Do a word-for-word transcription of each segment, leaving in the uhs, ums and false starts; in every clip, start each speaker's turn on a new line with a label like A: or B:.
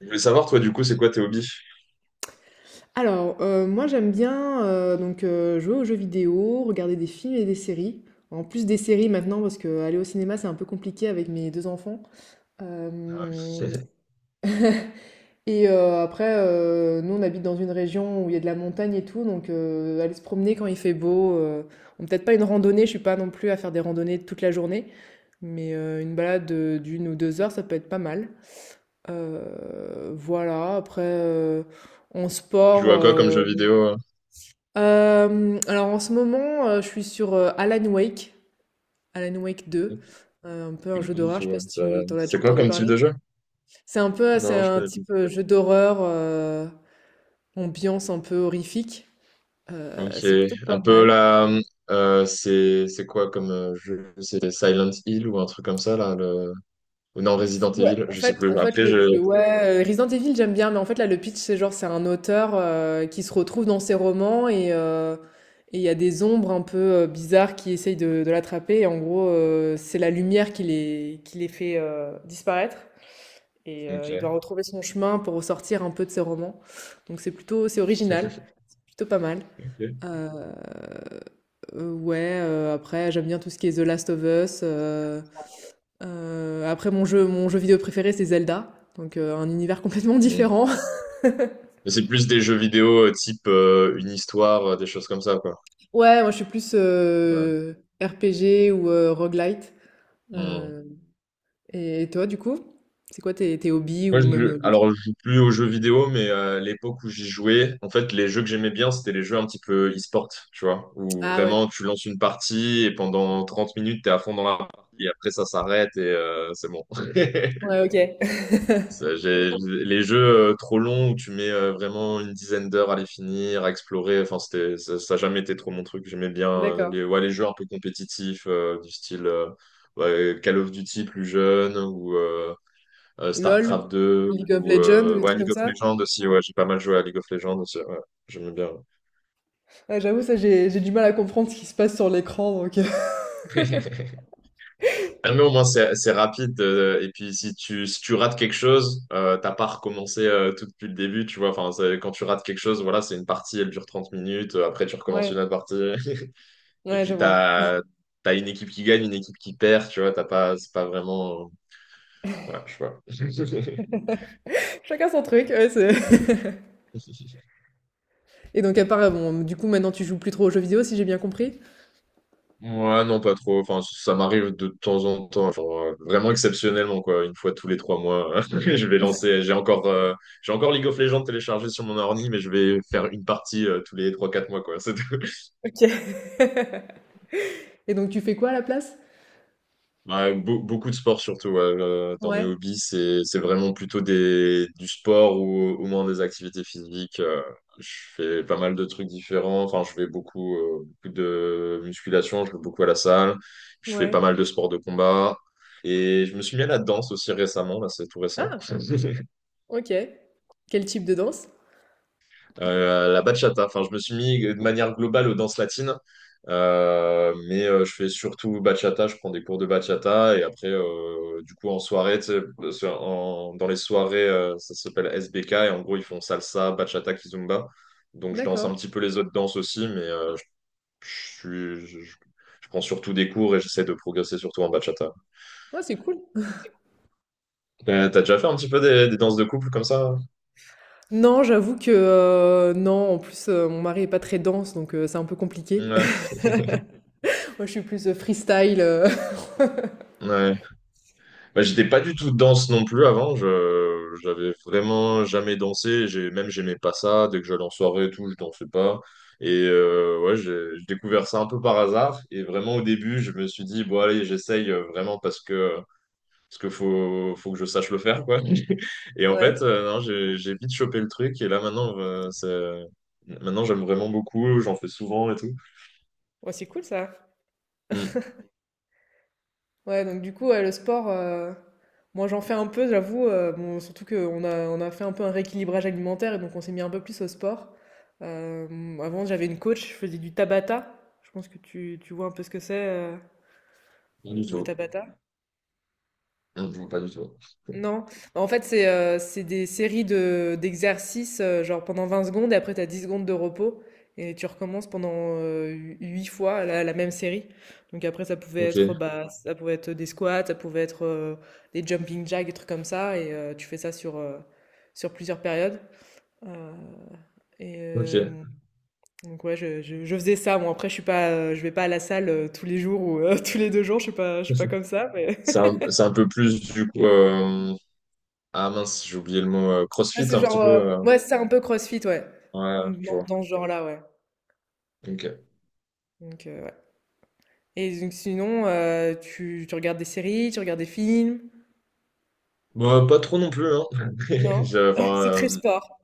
A: Je voulais savoir, toi, du coup, c'est quoi tes hobbies?
B: Alors, heu, moi j'aime bien, heu, donc heu, jouer aux jeux vidéo, regarder des films et des séries. En plus des séries maintenant parce qu'aller au cinéma, c'est un peu compliqué avec mes deux enfants.
A: Ah, ouais.
B: Hem et heu, après, heu, nous on habite dans une région où il y a de la montagne et tout, donc heu, aller se promener quand il fait beau, heu, bon peut-être pas une randonnée, je suis pas non plus à faire des randonnées toute la journée, mais heu, une balade heu, d'une ou deux heures, ça peut être pas mal. Heu, voilà. Après, heu, en
A: Tu joues
B: sport,
A: à quoi comme
B: euh,
A: jeu vidéo? euh
B: Hem, alors en ce moment, heu, je suis sur, heu, Alan Wake, Alan Wake deux, heu, un peu
A: Je
B: un
A: connais
B: jeu
A: pas du
B: d'horreur.
A: tout,
B: Je sais pas
A: ouais.
B: si
A: Ça-
B: tu tu en as déjà
A: C'est quoi
B: entendu
A: comme type
B: parler?
A: de jeu?
B: C'est un peu c'est
A: Non, je
B: un
A: connais
B: type, heu, jeu d'horreur, heu, ambiance un peu horrifique, heu,
A: pas. Ok.
B: c'est plutôt pas
A: Un peu
B: mal.
A: là, euh, c'est c'est quoi comme euh, jeu? C'était Silent Hill ou un truc comme ça, là, le... ou non,
B: Ou,
A: Resident
B: ouais,
A: Evil,
B: en
A: je sais
B: fait
A: plus.
B: en fait
A: Après,
B: le
A: je...
B: le ouais, heu, Resident Evil j'aime bien, mais en fait là le pitch c'est genre c'est un auteur, heu, qui se retrouve dans ses romans et heu et il y a des ombres un peu heu, bizarres qui essayent de de l'attraper, et en gros, heu, c'est la lumière qui les qui les fait heu, disparaître, et heu, il doit
A: Ok.
B: retrouver son chemin pour ressortir un peu de ses romans. Donc c'est plutôt c'est original, c'est plutôt pas mal.
A: Ok.
B: Heu heu, ouais. Heu, après j'aime bien tout ce qui est The Last of Us. Heu Heu, après mon jeu mon jeu vidéo préféré, c'est Zelda, donc heu, un univers complètement
A: Mm.
B: différent.
A: Mais c'est plus des jeux vidéo euh, type euh, une histoire, euh, des choses comme ça, quoi.
B: Ouais, moi je suis plus heu, R P G ou heu, roguelite.
A: Ouais.
B: Heu et toi, du coup? C'est quoi tes tes hobbies
A: Moi,
B: ou même,
A: je,
B: heu, les jeux?
A: alors, je joue plus aux jeux vidéo, mais euh, l'époque où j'y jouais, en fait, les jeux que j'aimais bien, c'était les jeux un petit peu e-sport, tu vois, où
B: Ah ouais.
A: vraiment tu lances une partie et pendant trente minutes, t'es à fond dans la partie et après ça s'arrête et euh, c'est bon.
B: Ouais, OK.
A: Ça, j'ai- les jeux euh, trop longs où tu mets euh, vraiment une dizaine d'heures à les finir, à explorer, enfin, c'était, ça, ça a jamais été trop mon truc. J'aimais bien euh,
B: D'accord.
A: les, ouais, les jeux un peu compétitifs, euh, du style euh, ouais, Call of Duty plus jeune ou. euh, euh,
B: LOL?
A: StarCraft deux
B: League of
A: ou
B: Legends ou
A: euh,
B: des
A: ouais,
B: trucs
A: League
B: comme
A: of
B: ça?
A: Legends aussi. Ouais, j'ai pas mal joué à League of Legends aussi. Ouais, j'aime bien.
B: Ouais, j'avoue, ça j'ai j'ai du mal à comprendre ce qui se passe sur l'écran, donc heu
A: Ah, mais au moins, c'est, c'est rapide. Euh, et puis, si tu, si tu rates quelque chose, euh, t'as pas recommencé euh, tout depuis le début, tu vois. Enfin, c'est- quand tu rates quelque chose, voilà, c'est une partie, elle dure trente minutes. euh, Après, tu recommences
B: ouais,
A: une autre partie. Et
B: ouais, je
A: puis,
B: vois.
A: t'as, t'as une équipe qui gagne, une équipe qui perd, tu vois. T'as pas, c'est pas vraiment. euh, Ouais, je sais pas.
B: Chacun son truc, ouais, c'est... Et donc à part, euh, bon, du coup maintenant tu joues plus trop aux jeux vidéo si j'ai bien compris?
A: Ouais, non, pas trop. Enfin, ça m'arrive de temps en temps, genre euh, vraiment exceptionnellement, quoi. Une fois tous les trois mois, je vais lancer. J'ai encore, euh, j'ai encore League of Legends téléchargé sur mon ordi, mais je vais faire une partie euh, tous les trois, quatre mois, quoi. C'est tout.
B: OK. Et donc tu fais quoi à la place?
A: Ouais, beau- beaucoup de sport surtout. Ouais. Euh, dans mes
B: Ouais.
A: hobbies, c'est c'est vraiment plutôt des du sport ou au moins des activités physiques. Euh, je fais pas mal de trucs différents. Enfin, je fais beaucoup, euh, beaucoup de musculation. Je vais beaucoup à la salle. Je fais
B: Ouais.
A: pas mal de sports de combat. Et je me suis mis à la danse aussi récemment. Là, c'est tout récent.
B: Ah! OK. Quel type de danse?
A: Euh, la bachata. Enfin, je me suis mis de manière globale aux danses latines. Euh, mais euh, je fais surtout bachata. Je prends des cours de bachata et après, euh, du coup, en soirée, tu sais, sur- en- dans les soirées, euh, ça s'appelle S B K et en gros, ils font salsa, bachata, kizomba. Donc, je danse un
B: D'accord.
A: petit peu les autres danses aussi, mais euh, je, je suis- je- je- je prends surtout des cours et j'essaie de progresser surtout en bachata.
B: Ah, c'est cool.
A: Euh, t'as déjà fait un petit peu des, des danses de couple comme ça?
B: Non, j'avoue que, heu, non, en plus, heu, mon mari est pas très danse, donc heu, c'est un peu compliqué.
A: Ouais.
B: Moi, je suis plus, heu, freestyle. heu
A: Ouais. Bah, j'étais pas du tout danse non plus avant. Je, j'avais vraiment jamais dansé. J'ai, même j'aimais pas ça. Dès que j'allais en soirée et tout, je dansais pas. Et euh, ouais, j'ai j'ai découvert ça un peu par hasard. Et vraiment au début, je me suis dit, bon allez, j'essaye euh, vraiment parce que parce que faut faut que je sache le faire, quoi. Et en
B: Ouais.
A: fait, euh, non, j'ai j'ai vite chopé le truc. Et là maintenant, euh, c'est maintenant j'aime vraiment beaucoup. J'en fais souvent et tout.
B: Ouais, c'est cool, ça.
A: Hmm,
B: Ouais, donc du coup, ouais, le sport, heu, moi, j'en fais un peu, j'avoue, heu, bon, surtout qu'on a on a fait un peu un rééquilibrage alimentaire et donc on s'est mis un peu plus au sport. Hem, avant, j'avais une coach, je faisais du Tabata. Je pense que tu tu vois un peu ce que c'est, heu,
A: pas du
B: le
A: tout.
B: Tabata?
A: Hmm, pas du tout.
B: Non. Bah, en fait, c'est euh, c'est des séries de d'exercices, euh, genre pendant vingt secondes, et après, tu as dix secondes de repos, et tu recommences pendant euh, huit fois la, la même série. Donc après, ça pouvait
A: Ok,
B: être, bah, ça pouvait être des squats, ça pouvait être euh, des jumping jacks, des trucs comme ça, et euh, tu fais ça sur, euh, sur plusieurs périodes. Euh, et euh,
A: ok.
B: donc ouais, je, je, je faisais ça. Bon, après, je suis pas, euh, je vais pas à la salle euh, tous les jours ou euh, tous les deux jours, je suis pas, je suis pas comme ça, mais...
A: C'est un, c'est un, peu plus du coup. euh, Ah mince, j'ai oublié le mot euh,
B: Ah,
A: CrossFit
B: c'est
A: un petit
B: genre,
A: peu.
B: euh,
A: euh,
B: ouais, c'est un peu CrossFit, ouais.
A: Ouais, je
B: Dans,
A: vois.
B: dans ce genre-là, ouais.
A: Ok.
B: Donc, euh, ouais. Et donc, sinon, euh, tu, tu regardes des séries, tu regardes des films?
A: Bon, euh, pas trop non plus, hein.
B: Non?
A: Je- Enfin,
B: C'est très
A: euh,
B: sport,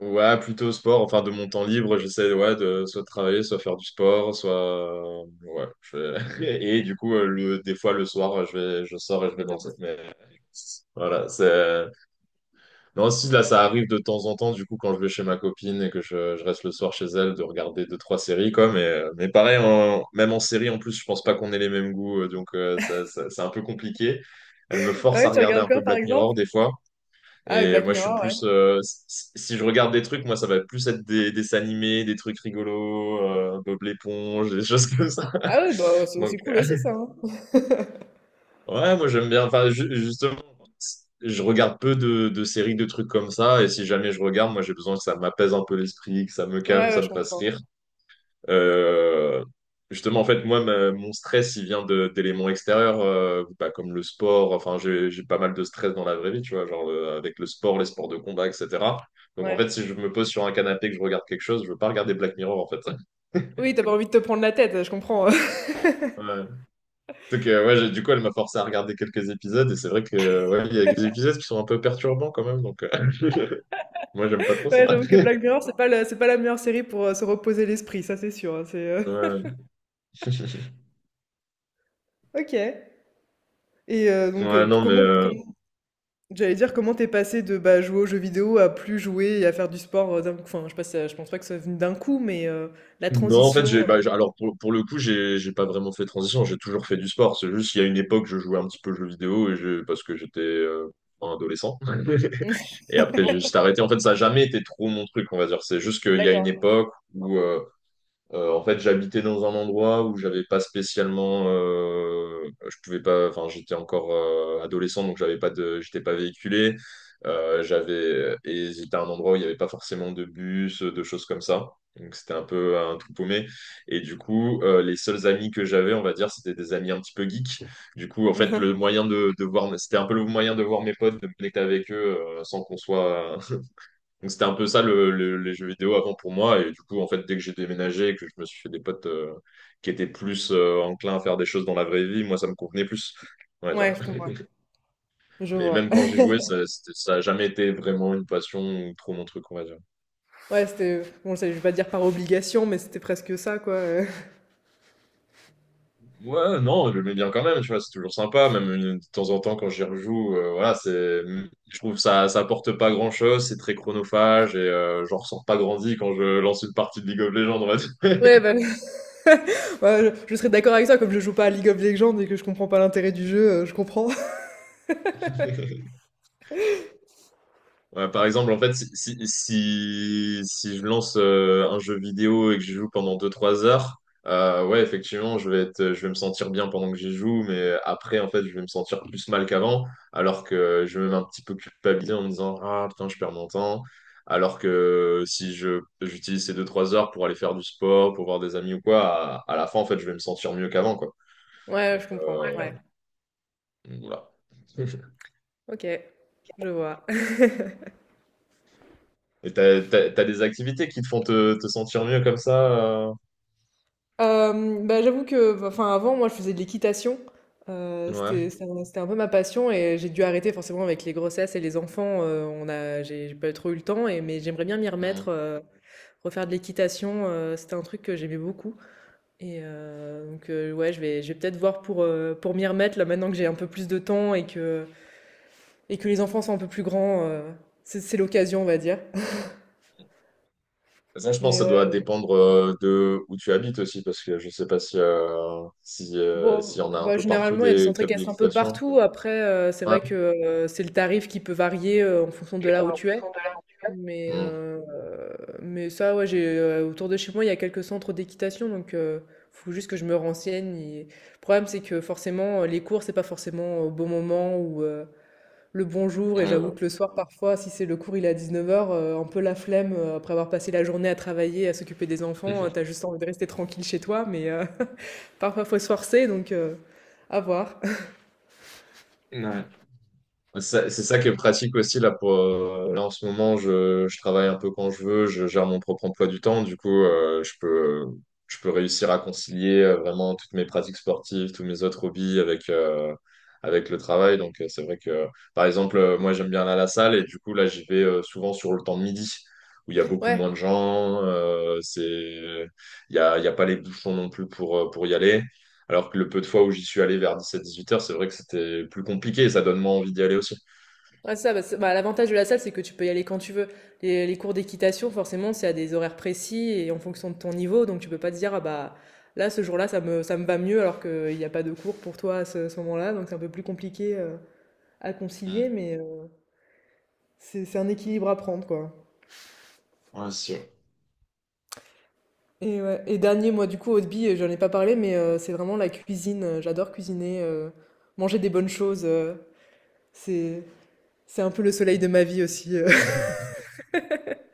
A: ouais, plutôt sport. Enfin, de mon temps libre, j'essaie, ouais, de soit travailler, soit faire du sport, soit. euh, Ouais. je- Et du coup, euh, le... des fois le soir, je vais... je sors et je vais
B: les
A: danser.
B: danses.
A: Mais voilà, c'est. Non, si, là, ça arrive de temps en temps, du coup, quand je vais chez ma copine et que je, je reste le soir chez elle, de regarder deux, trois séries, quoi. Mais, euh, mais pareil, en- même en série, en plus, je pense pas qu'on ait les mêmes goûts, euh, donc euh, ça, ça- c'est un peu compliqué. Elle me
B: Ah
A: force à
B: ouais, tu
A: regarder
B: regardes
A: un peu
B: quoi, par
A: Black Mirror,
B: exemple?
A: des fois.
B: Ah, ouais,
A: Et
B: Black
A: moi, je suis
B: Mirror, ouais.
A: plus... euh, si si je regarde des trucs, moi, ça va plus être des, des dessins animés, des trucs rigolos, euh, Bob l'éponge, des choses comme ça.
B: Ah ouais, bah, ouais, c'est
A: Donc,
B: c'est cool
A: euh,
B: aussi, ça, hein.
A: ouais, moi, j'aime bien... Enfin, ju- justement... je regarde peu de, de séries, de trucs comme ça. Et si jamais je regarde, moi, j'ai besoin que ça m'apaise un peu l'esprit, que ça me calme,
B: Ouais,
A: ça
B: ouais,
A: me
B: je
A: fasse
B: comprends.
A: rire. Euh, justement, en fait, moi, ma- mon stress, il vient de- d'éléments extérieurs, euh, bah, comme le sport. Enfin, j'ai, j'ai pas mal de stress dans la vraie vie, tu vois, genre euh, avec le sport, les sports de combat, et cetera. Donc, en
B: Ouais.
A: fait, si je me pose sur un canapé et que je regarde quelque chose, je veux pas regarder Black Mirror, en fait.
B: Oui, t'as pas envie de te prendre la tête, je comprends.
A: Ouais. Donc, euh, ouais, j'ai- du coup, elle m'a forcé à regarder quelques épisodes. Et c'est vrai que, ouais, il y a des épisodes qui sont un peu perturbants quand même. Donc, euh, moi, j'aime pas trop ça.
B: Ouais, j'avoue que Black Mirror, c'est pas la, c'est pas la meilleure série pour euh, se reposer l'esprit, ça c'est sûr, hein. c'est, euh,
A: Ouais.
B: Ok. Et euh, donc,
A: Ouais,
B: euh,
A: non, mais
B: comment,
A: euh,
B: j'allais dire comment t'es passé de, bah, jouer aux jeux vidéo à plus jouer et à faire du sport, heu, d'un coup. Enfin, je sais pas si ça je pense pas que ça venu d'un coup, mais heu, la
A: non, en fait,
B: transition,
A: j'ai, bah, j'ai- alors pour, pour le coup, j'ai, j'ai pas vraiment fait transition, j'ai toujours fait du sport. C'est juste qu'il y a une époque, je jouais un petit peu aux jeux vidéo et je, parce que j'étais euh, un adolescent.
B: heu
A: Et après, j'ai juste arrêté. En fait, ça a jamais été trop mon truc, on va dire. C'est juste qu'il y a une
B: d'accord.
A: époque où, euh, Euh, en fait, j'habitais dans un endroit où j'avais pas spécialement, euh, je pouvais pas, enfin, j'étais encore euh, adolescent, donc j'avais pas de, j'étais pas véhiculé. Euh, j'avais et c'était un endroit où il y avait pas forcément de bus, de choses comme ça. Donc c'était un peu un tout paumé. Et du coup, euh, les seuls amis que j'avais, on va dire, c'était des amis un petit peu geeks. Du coup, en fait, le moyen de, de voir, c'était un peu le moyen de voir mes potes, de me connecter avec eux, euh, sans qu'on soit, donc c'était un peu ça le, le- les jeux vidéo avant pour moi. Et du coup, en fait, dès que j'ai déménagé et que je me suis fait des potes euh, qui étaient plus euh, enclins à faire des choses dans la vraie vie, moi, ça me convenait plus, on va
B: Ouais,
A: dire.
B: je comprends. Je
A: Mais
B: vois.
A: même quand j'ai joué, ça, c'était- ça a jamais été vraiment une passion ou trop mon truc, on va dire.
B: Ouais, c'était bon, ça je vais pas dire par obligation, mais c'était presque ça, quoi. heu.
A: Ouais, non, je le mets bien quand même, tu vois, c'est toujours sympa. Même une- de temps en temps, quand j'y rejoue, euh, voilà, c'est, je trouve que ça, ça apporte pas grand-chose, c'est très chronophage et euh, j'en ressors pas grandi quand je lance une partie de League of Legends, on va dire.
B: Ouais, bah, ouais, je je serais d'accord avec ça, comme je joue pas à League of Legends et que je comprends pas l'intérêt du jeu, heu, je comprends.
A: Ouais, par exemple, en fait, si, si, si, si je lance euh, un jeu vidéo et que je joue pendant deux trois heures, euh, ouais, effectivement, je vais être, je vais me sentir bien pendant que j'y joue, mais après, en fait, je vais me sentir plus mal qu'avant, alors que je vais même un petit peu culpabiliser en me disant, ah putain, je perds mon temps. Alors que si je, j'utilise ces deux trois heures pour aller faire du sport, pour voir des amis ou quoi, à, à la fin, en fait, je vais me sentir mieux qu'avant, quoi.
B: Ouais,
A: Donc,
B: je comprends,
A: euh,
B: ouais.
A: voilà.
B: OK, je vois.
A: Et t'as, t'as- t'as des activités qui te font te, te sentir mieux comme ça, euh,
B: Hem, bah, j'avoue que bah, enfin, avant, moi, je faisais de l'équitation. Heu,
A: Ouais.
B: c'était c'était un c'était un peu ma passion, et j'ai dû arrêter forcément avec les grossesses et les enfants. heu, on a j'ai j'ai pas trop eu le temps, et mais j'aimerais bien m'y
A: Mm.
B: remettre, heu, refaire de l'équitation. Heu, c'était un truc que j'aimais beaucoup, et heu, donc heu, ouais, je vais je vais peut-être voir pour, heu, pour m'y remettre, là, maintenant que j'ai un peu plus de temps et que et que les enfants sont un peu plus grands, heu, c'est c'est l'occasion, on va dire.
A: Ça, je pense
B: Mais
A: que ça doit
B: ouais.
A: dépendre euh, de où tu habites aussi, parce que je sais pas si euh, si euh, s'il
B: Bon,
A: y en a un
B: bah,
A: peu partout
B: généralement, il y a des
A: des
B: centres
A: clubs
B: qui restent un peu
A: d'équitation.
B: partout. Après, euh, c'est
A: Ouais.
B: vrai que euh, c'est le tarif qui peut varier euh, en fonction de là où tu es. Mais,
A: Mm.
B: euh, mais ça, ouais, j'ai, euh, autour de chez moi, il y a quelques centres d'équitation. Donc, il faut juste que je me renseigne. et- Le problème, c'est que forcément, euh, les cours, c'est pas forcément au bon moment ou euh, le bon jour.
A: Ouais,
B: Et j'avoue
A: ouais.
B: que le soir, parfois, si c'est le cours, il est à dix-neuf heures, un peu la flemme, euh, après avoir passé la journée à travailler, à s'occuper des enfants, euh, t'as juste envie de rester tranquille chez toi. Mais. euh, Parfois, faut se forcer, donc euh, à voir.
A: Ouais. Ça- C'est ça qui est pratique aussi là pour euh, là en ce moment je, je travaille un peu quand je veux, je gère mon propre emploi du temps, du coup euh, je peux je peux réussir à concilier euh, vraiment toutes mes pratiques sportives, tous mes autres hobbies avec euh, avec le travail. Donc euh, c'est vrai que par exemple euh, moi j'aime bien aller à la salle et du coup là j'y vais euh, souvent sur le temps de midi où il y a beaucoup moins de
B: Ouais,
A: gens, euh, c'est il y a il y a pas les bouchons non plus pour euh, pour y aller. Alors que le peu de fois où j'y suis allé vers dix-sept dix-huit heures, c'est vrai que c'était plus compliqué et ça donne moins envie d'y aller aussi.
B: ouais, ça, bah, c'est- bah, l'avantage de la salle, c'est que tu peux y aller quand tu veux. Les, les cours d'équitation, forcément, c'est à des horaires précis et en fonction de ton niveau, donc tu peux pas te dire, ah bah là, ce jour-là, ça me, ça me va mieux alors qu'il n'y a pas de cours pour toi à ce, ce moment-là, donc c'est un peu plus compliqué euh, à concilier,
A: Mm.
B: mais euh, c'est, c'est un équilibre à prendre, quoi.
A: Ouais, c'est sûr.
B: Et, ouais, et dernier, moi, du coup, au Hobby, j'en ai pas parlé, mais euh, c'est vraiment la cuisine. Euh, J'adore cuisiner, euh, manger des bonnes choses. euh, c'est, c'est un peu le soleil de ma vie aussi. euh.
A: Mhm.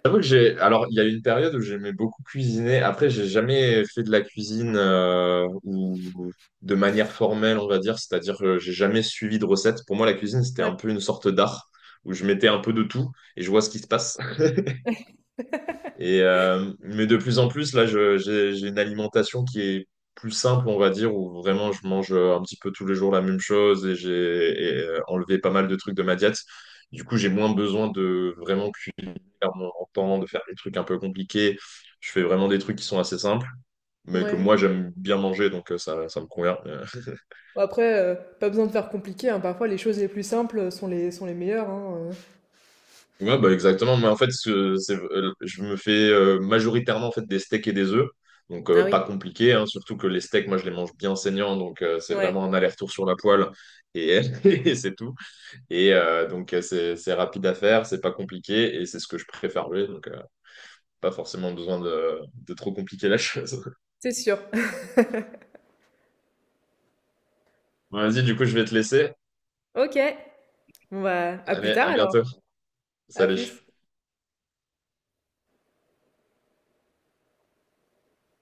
A: J'avoue que j'ai. Alors, il y a eu une période où j'aimais beaucoup cuisiner. Après, j'ai jamais fait de la cuisine euh, ou de manière formelle, on va dire. C'est-à-dire que j'ai jamais suivi de recette. Pour moi, la cuisine, c'était un peu une sorte d'art où je mettais un peu de tout et je vois ce qui se passe. Et, euh, mais de plus en plus, là, je- j'ai, j'ai une alimentation qui est plus simple, on va dire, où vraiment je mange euh, un petit peu tous les jours la même chose et j'ai et, euh, enlevé pas mal de trucs de ma diète. Du coup, j'ai moins besoin de vraiment cuisiner à mon temps, de faire des trucs un peu compliqués. Je fais vraiment des trucs qui sont assez simples, mais que
B: Ouais.
A: moi, j'aime bien manger, donc euh, ça, ça me convient. euh,
B: Bon, après, heu, pas besoin de faire compliqué, hein, parfois les choses les plus simples sont les sont les meilleures, hein.
A: Ouais, bah exactement. Mais en fait, ce- c'est- euh, je me fais euh, majoritairement en fait, des steaks et des œufs. Donc,
B: Ah
A: euh, pas
B: oui.
A: compliqué, hein. surtout que les steaks, moi, je les mange bien saignants. Donc, euh, c'est
B: heu. Ouais,
A: vraiment un aller-retour sur la poêle. Et, et c'est tout. Et euh, donc, euh, c'est c'est rapide à faire, c'est pas compliqué. Et c'est ce que je préfère jouer. Donc, euh, pas forcément besoin de, de trop compliquer la chose.
B: c'est sûr.
A: Bon, vas-y, du coup, je vais te laisser.
B: OK. Bon, bah, à plus
A: Allez,
B: tard
A: à
B: alors.
A: bientôt.
B: À
A: Salut.
B: plus.